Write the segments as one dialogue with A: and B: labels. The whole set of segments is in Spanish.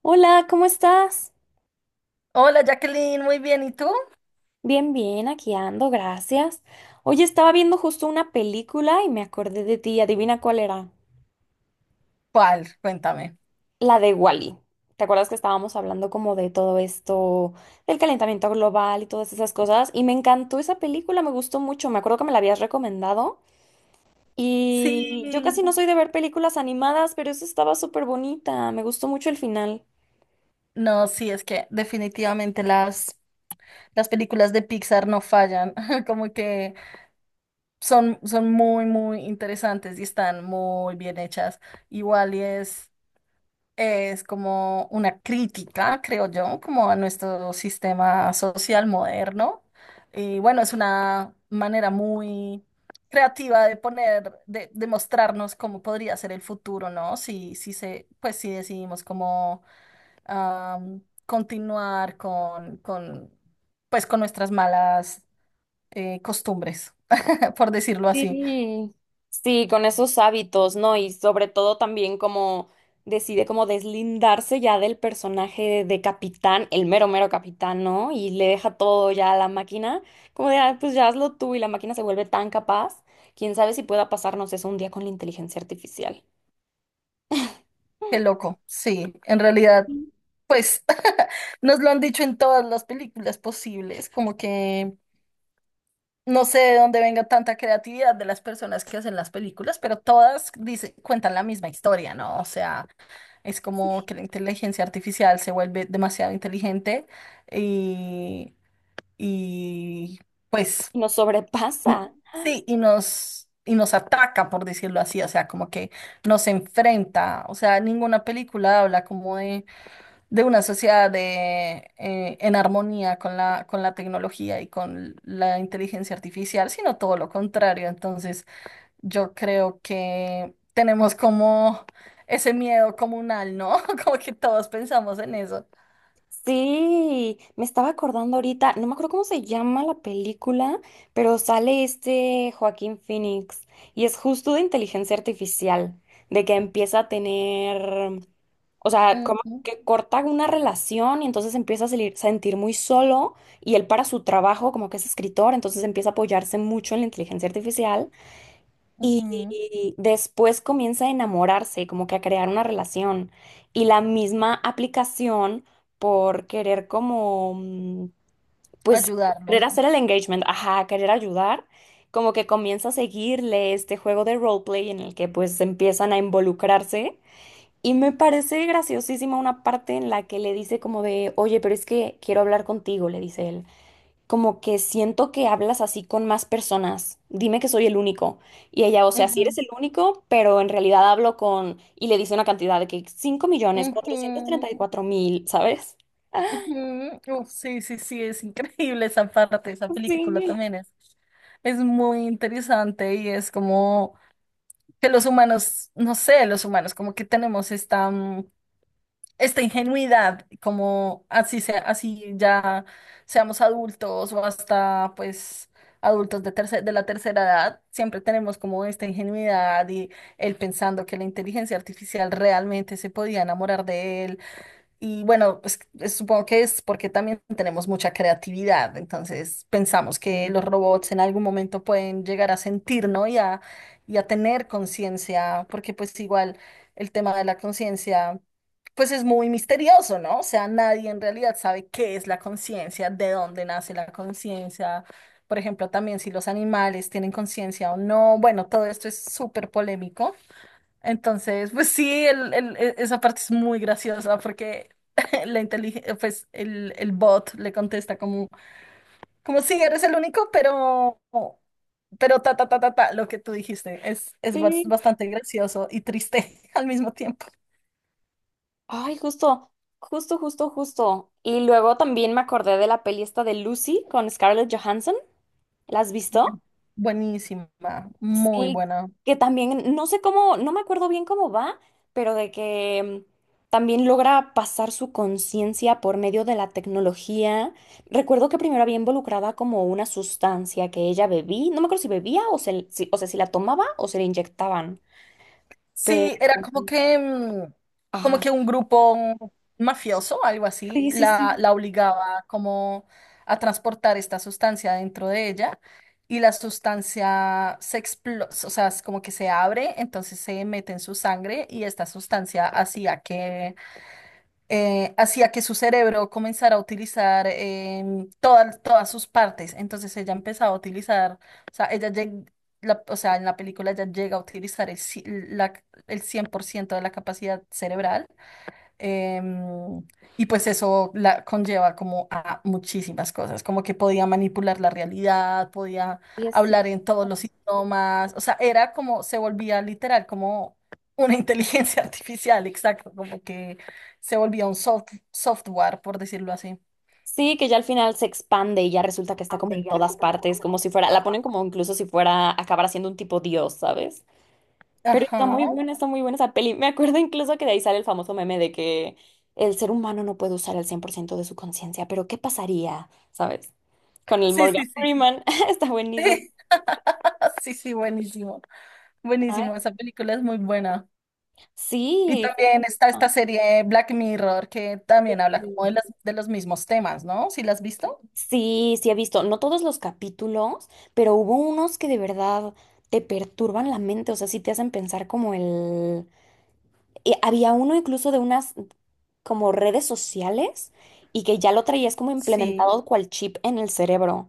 A: Hola, ¿cómo estás?
B: Hola Jacqueline, muy bien. ¿Y tú?
A: Bien, bien, aquí ando, gracias. Oye, estaba viendo justo una película y me acordé de ti. Adivina cuál era.
B: ¿Cuál? Cuéntame.
A: La de Wally. ¿Te acuerdas que estábamos hablando como de todo esto, del calentamiento global y todas esas cosas? Y me encantó esa película, me gustó mucho. Me acuerdo que me la habías recomendado.
B: Sí,
A: Y yo casi no soy de ver películas animadas, pero esa estaba súper bonita. Me gustó mucho el final.
B: no, sí, es que definitivamente las películas de Pixar no fallan, como que son muy, muy interesantes y están muy bien hechas. Igual y es como una crítica, creo yo, como a nuestro sistema social moderno. Y bueno, es una manera muy creativa de poner, de mostrarnos cómo podría ser el futuro, ¿no? Si, si se, pues si decidimos como continuar pues con nuestras malas, costumbres, por decirlo así.
A: Sí, sí, con esos hábitos, ¿no? Y sobre todo también como decide como deslindarse ya del personaje de capitán, el mero mero capitán, ¿no? Y le deja todo ya a la máquina, como de, "Ah, pues ya hazlo tú y la máquina se vuelve tan capaz, quién sabe si pueda pasarnos eso un día con la inteligencia artificial.
B: Qué loco. Sí, en realidad.
A: Y
B: Pues nos lo han dicho en todas las películas posibles, como que no sé de dónde venga tanta creatividad de las personas que hacen las películas, pero todas cuentan la misma historia, ¿no? O sea, es como que la inteligencia artificial se vuelve demasiado inteligente y, y pues
A: nos
B: n-
A: sobrepasa.
B: sí, y nos... Y nos ataca, por decirlo así, o sea, como que nos enfrenta, o sea, ninguna película habla como de una sociedad de, en armonía con la tecnología y con la inteligencia artificial, sino todo lo contrario. Entonces, yo creo que tenemos como ese miedo comunal, ¿no? Como que todos pensamos en eso.
A: Sí, me estaba acordando ahorita, no me acuerdo cómo se llama la película, pero sale este Joaquín Phoenix y es justo de inteligencia artificial, de que empieza a tener, o sea, como
B: Ujú,
A: que corta una relación y entonces empieza a sentir muy solo y él para su trabajo, como que es escritor, entonces empieza a apoyarse mucho en la inteligencia artificial
B: ujú.
A: y después comienza a enamorarse, como que a crear una relación. Y la misma aplicación por querer como, pues, querer
B: Ayudarlo.
A: hacer el engagement, ajá, querer ayudar, como que comienza a seguirle este juego de roleplay en el que pues empiezan a involucrarse. Y me parece graciosísima una parte en la que le dice como de, oye, pero es que quiero hablar contigo, le dice él como que siento que hablas así con más personas. Dime que soy el único. Y ella, o sea, sí eres
B: Ujú,
A: el único, pero en realidad hablo con, y le dice una cantidad de que cinco millones cuatrocientos treinta y
B: ujú,
A: cuatro mil, ¿sabes?
B: ujú. Uf, sí, sí, sí, es increíble esa parte, esa película
A: Sí.
B: también es muy interesante y es como... que los humanos, no sé, los humanos como que tenemos esta ingenuidad, como así sea, así ya seamos adultos o hasta pues adultos de de la tercera edad, siempre tenemos como esta ingenuidad y él pensando que la inteligencia artificial realmente se podía enamorar de él y bueno, pues supongo que es porque también tenemos mucha creatividad, entonces pensamos que los robots en algún momento pueden llegar a sentir, ¿no? Y a tener conciencia, porque pues igual el tema de la conciencia, pues es muy misterioso, ¿no? O sea, nadie en realidad sabe qué es la conciencia, de dónde nace la conciencia, por ejemplo, también si los animales tienen conciencia o no, bueno, todo esto es súper polémico. Entonces, pues sí, esa parte es muy graciosa porque la inteligencia, pues el bot le contesta como, como sí, eres el único, pero, lo que tú dijiste es, es
A: Sí.
B: bastante gracioso y triste al mismo tiempo.
A: Ay, justo. Y luego también me acordé de la peli esta de Lucy con Scarlett Johansson. ¿La has visto?
B: Buenísima, muy
A: Sí,
B: buena.
A: que también, no sé cómo, no me acuerdo bien cómo va, pero de que también logra pasar su conciencia por medio de la tecnología. Recuerdo que primero había involucrada como una sustancia que ella bebía, no me acuerdo si bebía o, se, o sea, si la tomaba o se la inyectaban,
B: Sí,
A: pero...
B: era como que, mm, como
A: Ajá.
B: que un grupo mafioso, algo así,
A: Sí, sí, sí.
B: la obligaba como a transportar esta sustancia dentro de ella y la sustancia se explota, o sea, es como que se abre, entonces se mete en su sangre y esta sustancia hacía que su cerebro comenzara a utilizar todas sus partes. Entonces ella empezaba a utilizar, o sea, o sea, en la película ella llega a utilizar la, el 100% de la capacidad cerebral. Em, y pues eso la conlleva como a muchísimas cosas, como que podía manipular la realidad, podía
A: Sí, así.
B: hablar en todos los idiomas, o sea, era como, se volvía literal como una inteligencia artificial, exacto, como que se volvía un software, por decirlo así.
A: Sí, que ya al final se expande y ya resulta que está como en todas partes, como si fuera, la ponen como incluso si fuera acabar siendo un tipo dios, ¿sabes? Pero
B: Ajá.
A: está muy buena esa peli. Me acuerdo incluso que de ahí sale el famoso meme de que el ser humano no puede usar el 100% de su conciencia, pero ¿qué pasaría? ¿Sabes? Con el
B: Sí,
A: Morgan
B: sí, sí.
A: Freeman. Está buenísimo.
B: Sí, sí, sí, buenísimo.
A: Ay,
B: Buenísimo, esa película es muy buena. Y
A: sí.
B: también está esta serie Black Mirror que también habla como de los mismos temas, ¿no? ¿Sí la has visto?
A: Sí, sí he visto, no todos los capítulos, pero hubo unos que de verdad te perturban la mente, o sea, sí te hacen pensar como el... había uno incluso de unas, como redes sociales y que ya lo traías como
B: Sí.
A: implementado cual chip en el cerebro.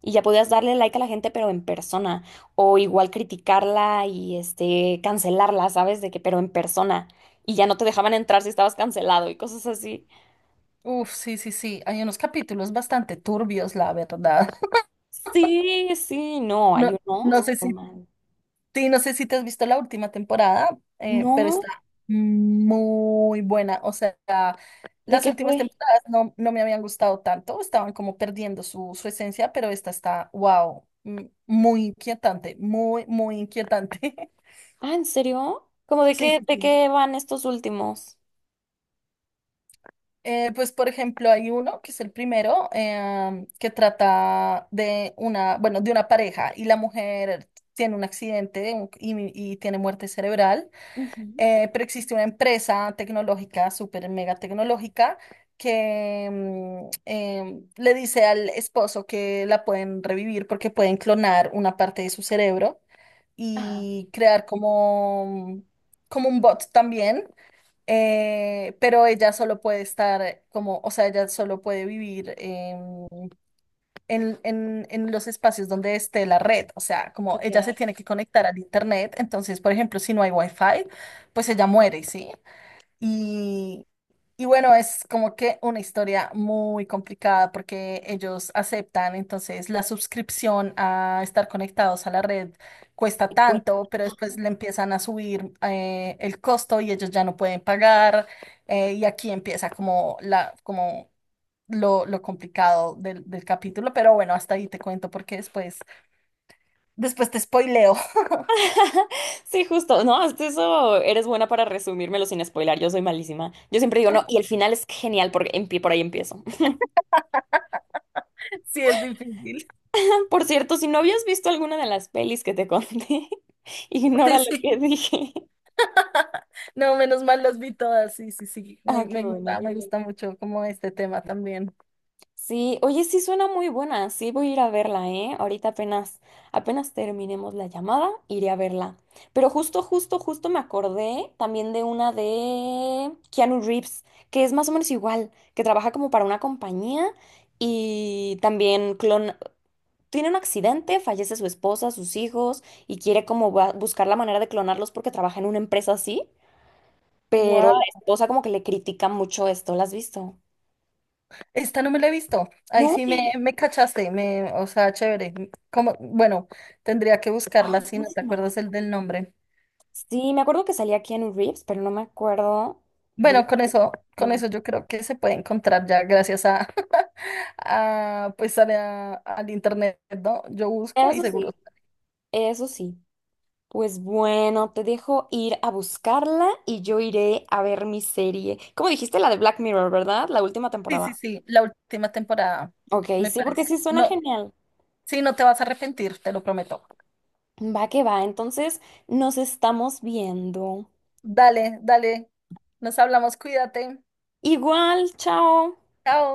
A: Y ya podías darle like a la gente, pero en persona. O igual criticarla y este cancelarla, ¿sabes? De que, pero en persona. Y ya no te dejaban entrar si estabas cancelado y cosas así.
B: Uf, sí, sí, sí. Hay unos capítulos bastante turbios, la verdad.
A: Sí, sí, no, hay
B: No, no
A: unos.
B: sé
A: Pero
B: si,
A: man,
B: sí, no sé si te has visto la última temporada, pero está
A: no,
B: muy buena. O sea,
A: ¿de
B: las
A: qué
B: últimas
A: fue?
B: temporadas no, no me habían gustado tanto, estaban como perdiendo su esencia, pero esta está, wow, muy inquietante, muy, muy inquietante.
A: Ah, ¿en serio? ¿Cómo
B: Sí, sí,
A: de
B: sí.
A: qué van estos últimos?
B: Pues, por ejemplo, hay uno que es el primero que trata de una, bueno, de una pareja y la mujer tiene un accidente y tiene muerte cerebral,
A: Ujú.
B: pero existe una empresa tecnológica, súper mega tecnológica, que le dice al esposo que la pueden revivir porque pueden clonar una parte de su cerebro
A: Ajá,
B: y crear como, como un bot también, pero ella solo puede estar como, o sea, ella solo puede vivir en los espacios donde esté la red, o sea, como ella se
A: ok.
B: tiene que conectar al internet, entonces, por ejemplo, si no hay wifi, pues ella muere, ¿sí? Y, y bueno, es como que una historia muy complicada porque ellos aceptan, entonces la suscripción a estar conectados a la red cuesta tanto, pero después le empiezan a subir el costo y ellos ya no pueden pagar. Y aquí empieza como lo complicado del capítulo, pero bueno, hasta ahí te cuento porque después, te spoileo.
A: Sí, justo. No, hasta eso eres buena para resumírmelo sin spoiler. Yo soy malísima. Yo siempre digo, no, y el final es genial porque por ahí empiezo.
B: Sí, es difícil.
A: Por cierto, si no habías visto alguna de las pelis que te conté, ignora
B: Sí,
A: lo
B: sí.
A: que dije.
B: No, menos mal las vi todas, sí, sí, sí,
A: Ah, qué bueno, qué
B: me
A: bueno.
B: gusta mucho como este tema también.
A: Sí, oye, sí suena muy buena, sí voy a ir a verla, ¿eh? Ahorita apenas, apenas terminemos la llamada, iré a verla. Pero justo me acordé también de una de Keanu Reeves, que es más o menos igual, que trabaja como para una compañía y también clon... tiene un accidente, fallece su esposa, sus hijos y quiere como buscar la manera de clonarlos porque trabaja en una empresa así, pero la
B: Wow,
A: esposa como que le critica mucho esto, ¿la has visto?
B: esta no me la he visto, ahí
A: No.
B: sí me cachaste, o sea, chévere, como, bueno, tendría que
A: Ah,
B: buscarla si
A: ¿cómo
B: no
A: se
B: te
A: llamará?
B: acuerdas el del nombre.
A: Sí, me acuerdo que salía Keanu Reeves, pero no me acuerdo del...
B: Bueno, con
A: No.
B: eso yo creo que se puede encontrar ya gracias a, a pues a al internet, ¿no? Yo busco y
A: Eso
B: seguro
A: sí,
B: sale.
A: eso sí. Pues bueno, te dejo ir a buscarla y yo iré a ver mi serie. Como dijiste, la de Black Mirror, ¿verdad? La última
B: Sí, sí,
A: temporada.
B: sí, la última temporada,
A: Ok,
B: me
A: sí, porque
B: parece.
A: sí suena
B: No,
A: genial.
B: sí, no te vas a arrepentir, te lo prometo.
A: Va que va, entonces nos estamos viendo.
B: Dale, dale. Nos hablamos, cuídate.
A: Igual, chao.
B: Chao.